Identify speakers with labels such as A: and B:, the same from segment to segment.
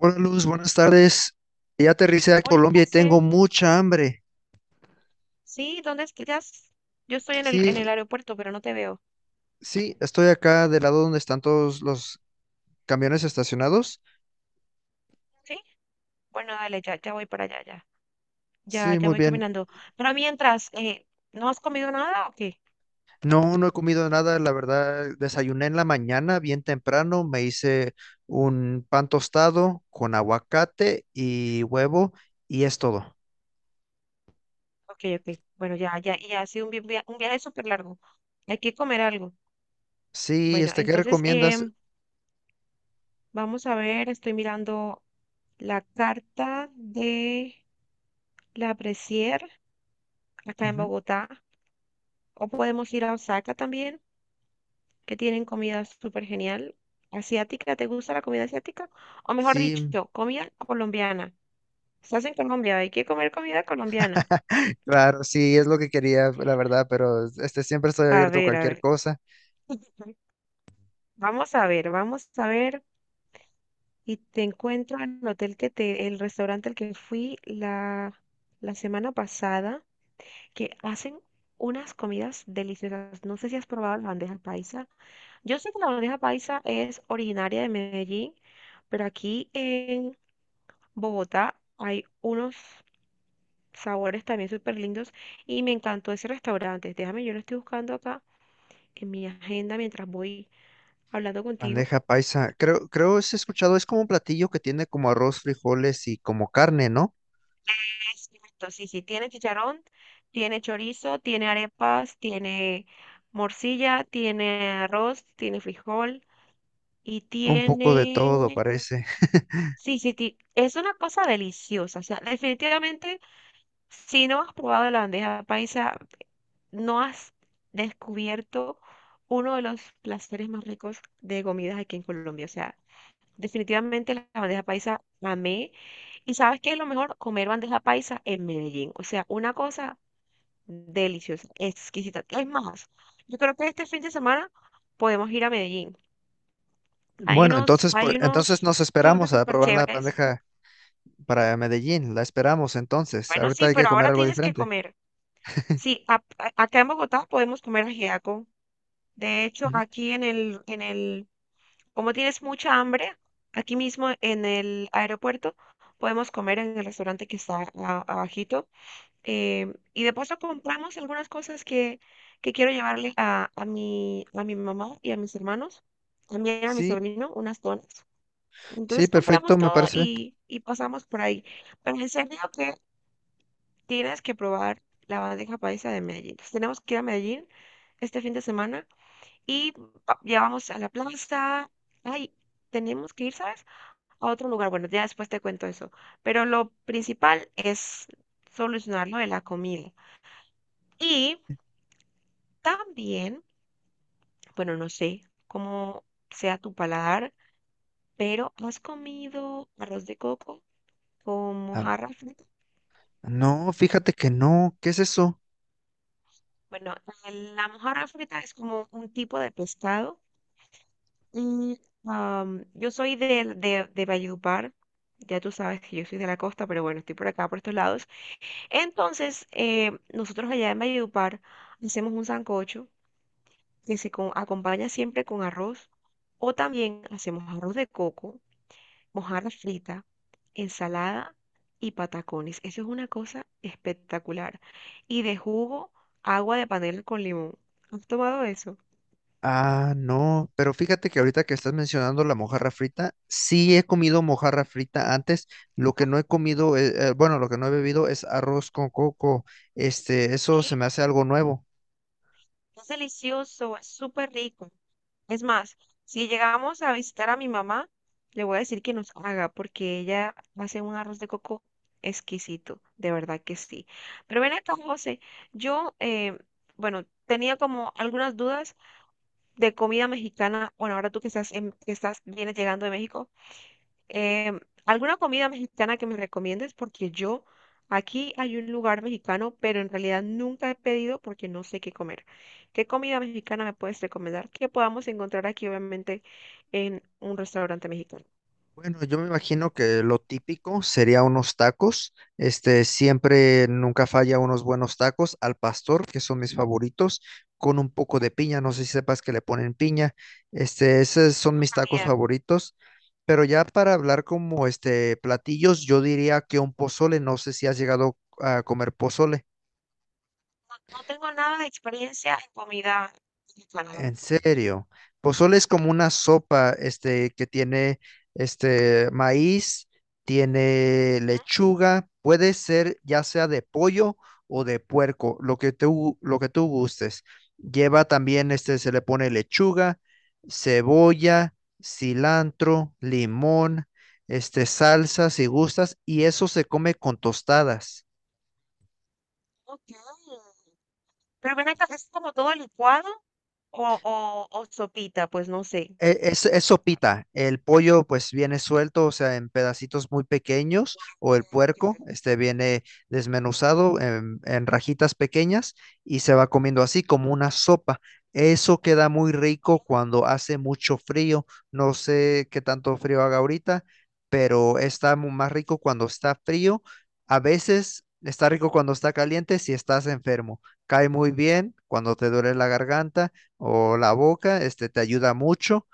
A: Hola Luz, buenas tardes. Ya aterricé a
B: Hola,
A: Colombia y tengo
B: José.
A: mucha hambre.
B: Sí, ¿dónde estás? Yo estoy en el,
A: Sí,
B: en el aeropuerto, pero no te veo.
A: sí, estoy acá del lado donde están todos los camiones estacionados.
B: Sí, bueno, dale, ya voy para allá, ya. Ya,
A: Sí,
B: ya
A: muy
B: voy
A: bien.
B: caminando. Pero mientras, ¿no has comido nada o qué?
A: No, no he comido nada, la verdad. Desayuné en la mañana, bien temprano. Me hice un pan tostado con aguacate y huevo y es todo.
B: Ok, ok. Bueno, ya, y ha sido un viaje súper largo. Hay que comer algo.
A: Sí,
B: Bueno,
A: ¿qué
B: entonces,
A: recomiendas?
B: vamos a ver, estoy mirando la carta de la Presier acá en
A: Ujú.
B: Bogotá. O podemos ir a Osaka también, que tienen comida súper genial. ¿Asiática? ¿Te gusta la comida asiática? O mejor
A: Sí,
B: dicho, comida colombiana. Estás en Colombia, hay que comer comida colombiana.
A: claro, sí, es lo que quería, la verdad, pero siempre estoy
B: A
A: abierto a
B: ver, a
A: cualquier
B: ver.
A: cosa.
B: Vamos a ver, vamos a ver. Y te encuentro en el hotel que te, el restaurante al que fui la semana pasada, que hacen unas comidas deliciosas. No sé si has probado la bandeja paisa. Yo sé que la bandeja paisa es originaria de Medellín, pero aquí en Bogotá hay unos sabores también súper lindos y me encantó ese restaurante. Déjame, yo lo estoy buscando acá en mi agenda mientras voy hablando contigo.
A: Bandeja paisa. Creo es escuchado, es como un platillo que tiene como arroz, frijoles y como carne, ¿no?
B: Es cierto, sí, sí, tiene chicharrón, tiene chorizo, tiene arepas, tiene morcilla, tiene arroz, tiene frijol y
A: Un poco de todo,
B: tiene.
A: parece.
B: Sí, sí, es una cosa deliciosa. O sea, definitivamente, si no has probado la bandeja paisa, ¿no has descubierto uno de los placeres más ricos de comidas aquí en Colombia? O sea, definitivamente la bandeja paisa amé. ¿Y sabes qué es lo mejor? Comer bandeja paisa en Medellín. O sea, una cosa deliciosa, exquisita. Es más, yo creo que este fin de semana podemos ir a Medellín. Hay
A: Bueno,
B: unos,
A: entonces, pues,
B: hay
A: entonces
B: unos
A: nos
B: tours
A: esperamos a
B: súper
A: probar la
B: chéveres.
A: bandeja para Medellín. La esperamos entonces.
B: Bueno,
A: Ahorita
B: sí,
A: hay que
B: pero
A: comer
B: ahora
A: algo
B: tienes que
A: diferente.
B: comer. Sí, acá en Bogotá podemos comer ajiaco. De hecho,
A: Ujú.
B: aquí en el. Como tienes mucha hambre, aquí mismo en el aeropuerto podemos comer en el restaurante que está abajito. Y de paso compramos algunas cosas que quiero llevarle a mi mamá y a mis hermanos, también a mi
A: Sí,
B: sobrino, unas donas.
A: sí,
B: Entonces
A: perfecto,
B: compramos
A: me
B: todo
A: parece bien.
B: y pasamos por ahí. Pero en serio que tienes que probar la bandeja paisa de Medellín. Entonces, tenemos que ir a Medellín este fin de semana y ya vamos a la plaza. Ay, tenemos que ir, ¿sabes? A otro lugar. Bueno, ya después te cuento eso. Pero lo principal es solucionar lo de la comida. Y también, bueno, no sé cómo sea tu paladar, pero ¿has comido arroz de coco con
A: Ah,
B: mojarra frita?
A: no, fíjate que no. ¿Qué es eso?
B: Bueno, la mojarra frita es como un tipo de pescado. Y yo soy de Valledupar. Ya tú sabes que yo soy de la costa, pero bueno, estoy por acá, por estos lados. Entonces, nosotros allá en Valledupar hacemos un sancocho que se acompaña siempre con arroz o también hacemos arroz de coco, mojarra frita, ensalada y patacones. Eso es una cosa espectacular. Y de jugo, agua de panela con limón. ¿Has tomado eso?
A: Ah, no, pero fíjate que ahorita que estás mencionando la mojarra frita, sí he comido mojarra frita antes, lo que no he comido, bueno, lo que no he bebido es arroz con coco, eso
B: Sí,
A: se me hace algo nuevo.
B: es delicioso, es súper rico. Es más, si llegamos a visitar a mi mamá, le voy a decir que nos haga, porque ella hace un arroz de coco exquisito, de verdad que sí. Pero ven acá, José, yo, bueno, tenía como algunas dudas de comida mexicana. Bueno, ahora tú que estás, en- que estás, vienes llegando de México. ¿Alguna comida mexicana que me recomiendes? Porque yo, aquí hay un lugar mexicano, pero en realidad nunca he pedido porque no sé qué comer. ¿Qué comida mexicana me puedes recomendar que podamos encontrar aquí, obviamente, en un restaurante mexicano?
A: Bueno, yo me imagino que lo típico sería unos tacos, siempre nunca falla unos buenos tacos al pastor, que son mis favoritos, con un poco de piña, no sé si sepas que le ponen piña, esos son mis tacos
B: Bien,
A: favoritos. Pero ya para hablar como platillos, yo diría que un pozole, no sé si has llegado a comer pozole.
B: no, no tengo nada de experiencia en comida mexicana, la
A: En
B: verdad.
A: serio, pozole es como una sopa, que tiene, maíz, tiene
B: ¿Mm?
A: lechuga, puede ser ya sea de pollo o de puerco, lo que tú gustes. Lleva también, se le pone lechuga, cebolla, cilantro, limón, salsa, si gustas, y eso se come con tostadas.
B: Ok. Pero ven acá, ¿es como todo licuado o sopita? Pues no sé.
A: Es sopita. El pollo pues viene suelto, o sea, en pedacitos muy pequeños, o el
B: Ok,
A: puerco,
B: ok.
A: viene desmenuzado en rajitas pequeñas y se va comiendo así como una sopa. Eso queda muy rico cuando hace mucho frío. No sé qué tanto frío haga ahorita, pero está más rico cuando está frío. A veces está rico cuando está caliente si estás enfermo. Cae muy bien cuando te duele la garganta o la boca, te ayuda mucho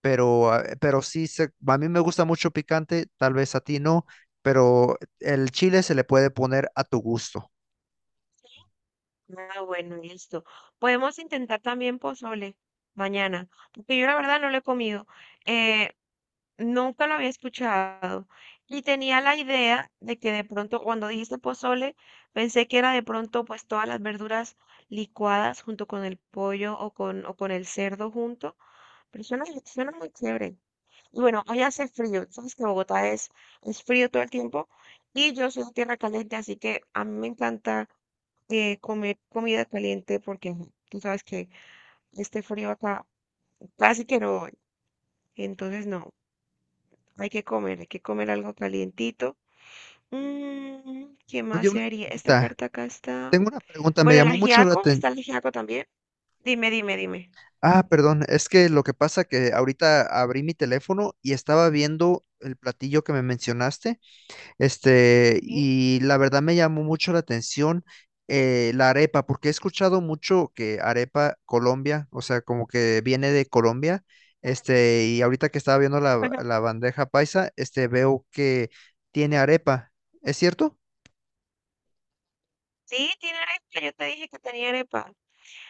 A: pero sí, a mí me gusta mucho picante, tal vez a ti no, pero el chile se le puede poner a tu gusto.
B: Ah, bueno, listo. Podemos intentar también pozole mañana, porque yo la verdad no lo he comido. Eh, nunca lo había escuchado. Y tenía la idea de que de pronto, cuando dijiste pozole, pensé que era de pronto pues todas las verduras licuadas junto con el pollo o con, el cerdo junto. Pero suena muy chévere. Y bueno, hoy hace frío, sabes que Bogotá es frío todo el tiempo y yo soy de tierra caliente, así que a mí me encanta comer comida caliente porque ajá, tú sabes que este frío acá casi que no voy. Entonces no, hay que comer algo calientito. ¿Qué más
A: Oye, una
B: sería? Esta
A: pregunta,
B: carta acá está.
A: tengo una pregunta, me
B: Bueno, el
A: llamó mucho la
B: ajiaco,
A: atención.
B: está el ajiaco también. Dime, dime, dime.
A: Ah, perdón, es que lo que pasa que ahorita abrí mi teléfono y estaba viendo el platillo que me mencionaste. Este,
B: ¿Sí?
A: y la verdad me llamó mucho la atención la arepa, porque he escuchado mucho que arepa Colombia, o sea, como que viene de Colombia, y ahorita que estaba viendo la,
B: Ajá.
A: la bandeja paisa, veo que tiene arepa, ¿es cierto?
B: Sí, tiene arepa, yo te dije que tenía arepa.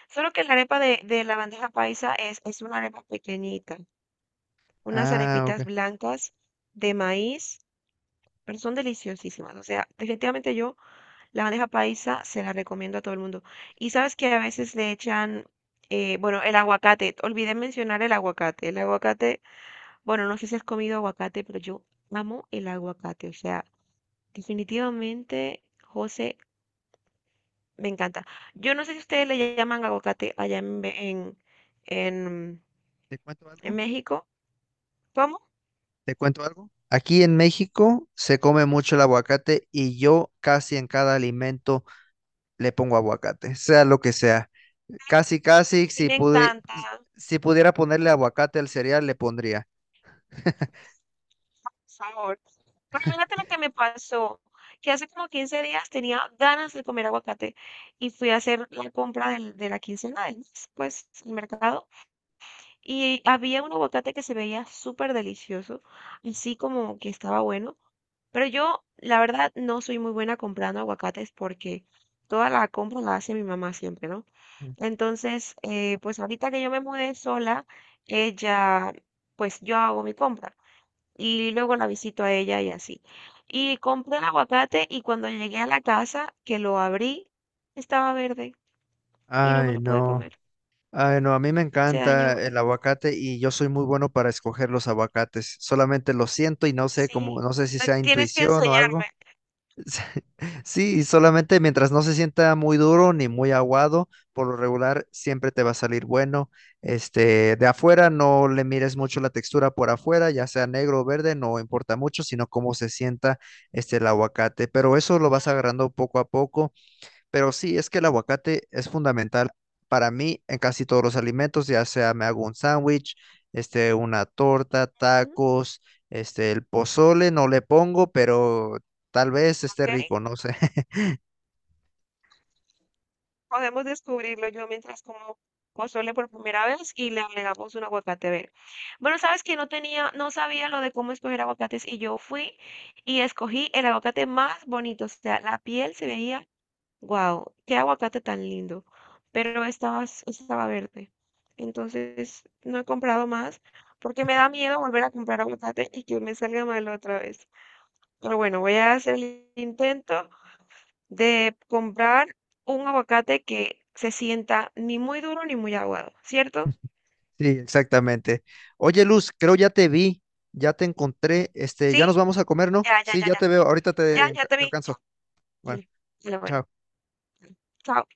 B: Solo que la arepa de la bandeja paisa es una arepa pequeñita, unas
A: Ah, ok.
B: arepitas blancas de maíz, pero son deliciosísimas. O sea, definitivamente yo la bandeja paisa se la recomiendo a todo el mundo. Y sabes que a veces le echan, bueno, el aguacate. Olvidé mencionar el aguacate. El aguacate, bueno, no sé si has comido aguacate, pero yo amo el aguacate. O sea, definitivamente, José, me encanta. Yo no sé si ustedes le llaman aguacate allá en, en
A: ¿Te cuento
B: ¿En
A: algo?
B: México? ¿Cómo? A
A: ¿Te cuento algo? Aquí en México se come mucho el aguacate y yo casi en cada alimento le pongo aguacate, sea lo que sea. Casi, casi,
B: mí me encanta,
A: si pudiera ponerle aguacate al cereal, le pondría.
B: por favor. Pero imagínate lo que me pasó, que hace como 15 días tenía ganas de comer aguacate y fui a hacer la compra de la quincena del mes, pues, el mercado, y había un aguacate que se veía súper delicioso, así como que estaba bueno. Pero yo, la verdad, no soy muy buena comprando aguacates porque toda la compra la hace mi mamá siempre, ¿no? Entonces, pues ahorita que yo me mudé sola, ella, pues yo hago mi compra y luego la visito a ella y así. Y compré el aguacate y cuando llegué a la casa, que lo abrí, estaba verde y no me
A: Ay,
B: lo pude
A: no.
B: comer.
A: Ay, no, a mí me
B: Se
A: encanta
B: dañó.
A: el aguacate y yo soy muy bueno para escoger los aguacates. Solamente lo siento y
B: Sí,
A: no sé si sea
B: tienes que
A: intuición o algo.
B: enseñarme.
A: Sí, y solamente mientras no se sienta muy duro ni muy aguado, por lo regular siempre te va a salir bueno. De afuera no le mires mucho la textura por afuera, ya sea negro o verde, no importa mucho, sino cómo se sienta el aguacate, pero eso lo vas agarrando poco a poco. Pero sí, es que el aguacate es fundamental para mí en casi todos los alimentos, ya sea me hago un sándwich, una torta,
B: Ujú,
A: tacos, el pozole no le pongo, pero tal vez esté
B: ¿Ok?
A: rico, no sé.
B: Podemos descubrirlo yo mientras como pozole por primera vez y le agregamos un aguacate verde. Bueno, sabes que no tenía, no sabía lo de cómo escoger aguacates y yo fui y escogí el aguacate más bonito. O sea, la piel se veía, wow, qué aguacate tan lindo. Pero estaba, estaba verde. Entonces no he comprado más porque me da miedo volver a comprar aguacate y que me salga mal otra vez. Pero bueno, voy a hacer el intento de comprar un aguacate que se sienta ni muy duro ni muy aguado, ¿cierto?
A: Sí, exactamente. Oye, Luz, creo ya te vi, ya te encontré, ya
B: ¿Sí?
A: nos vamos a comer, ¿no?
B: Ya, ya,
A: Sí,
B: ya,
A: ya
B: ya.
A: te veo, ahorita
B: Ya,
A: te,
B: ya
A: te
B: te vi. Ya.
A: alcanzo. Bueno,
B: Mm. Ya, bueno,
A: chao.
B: chao.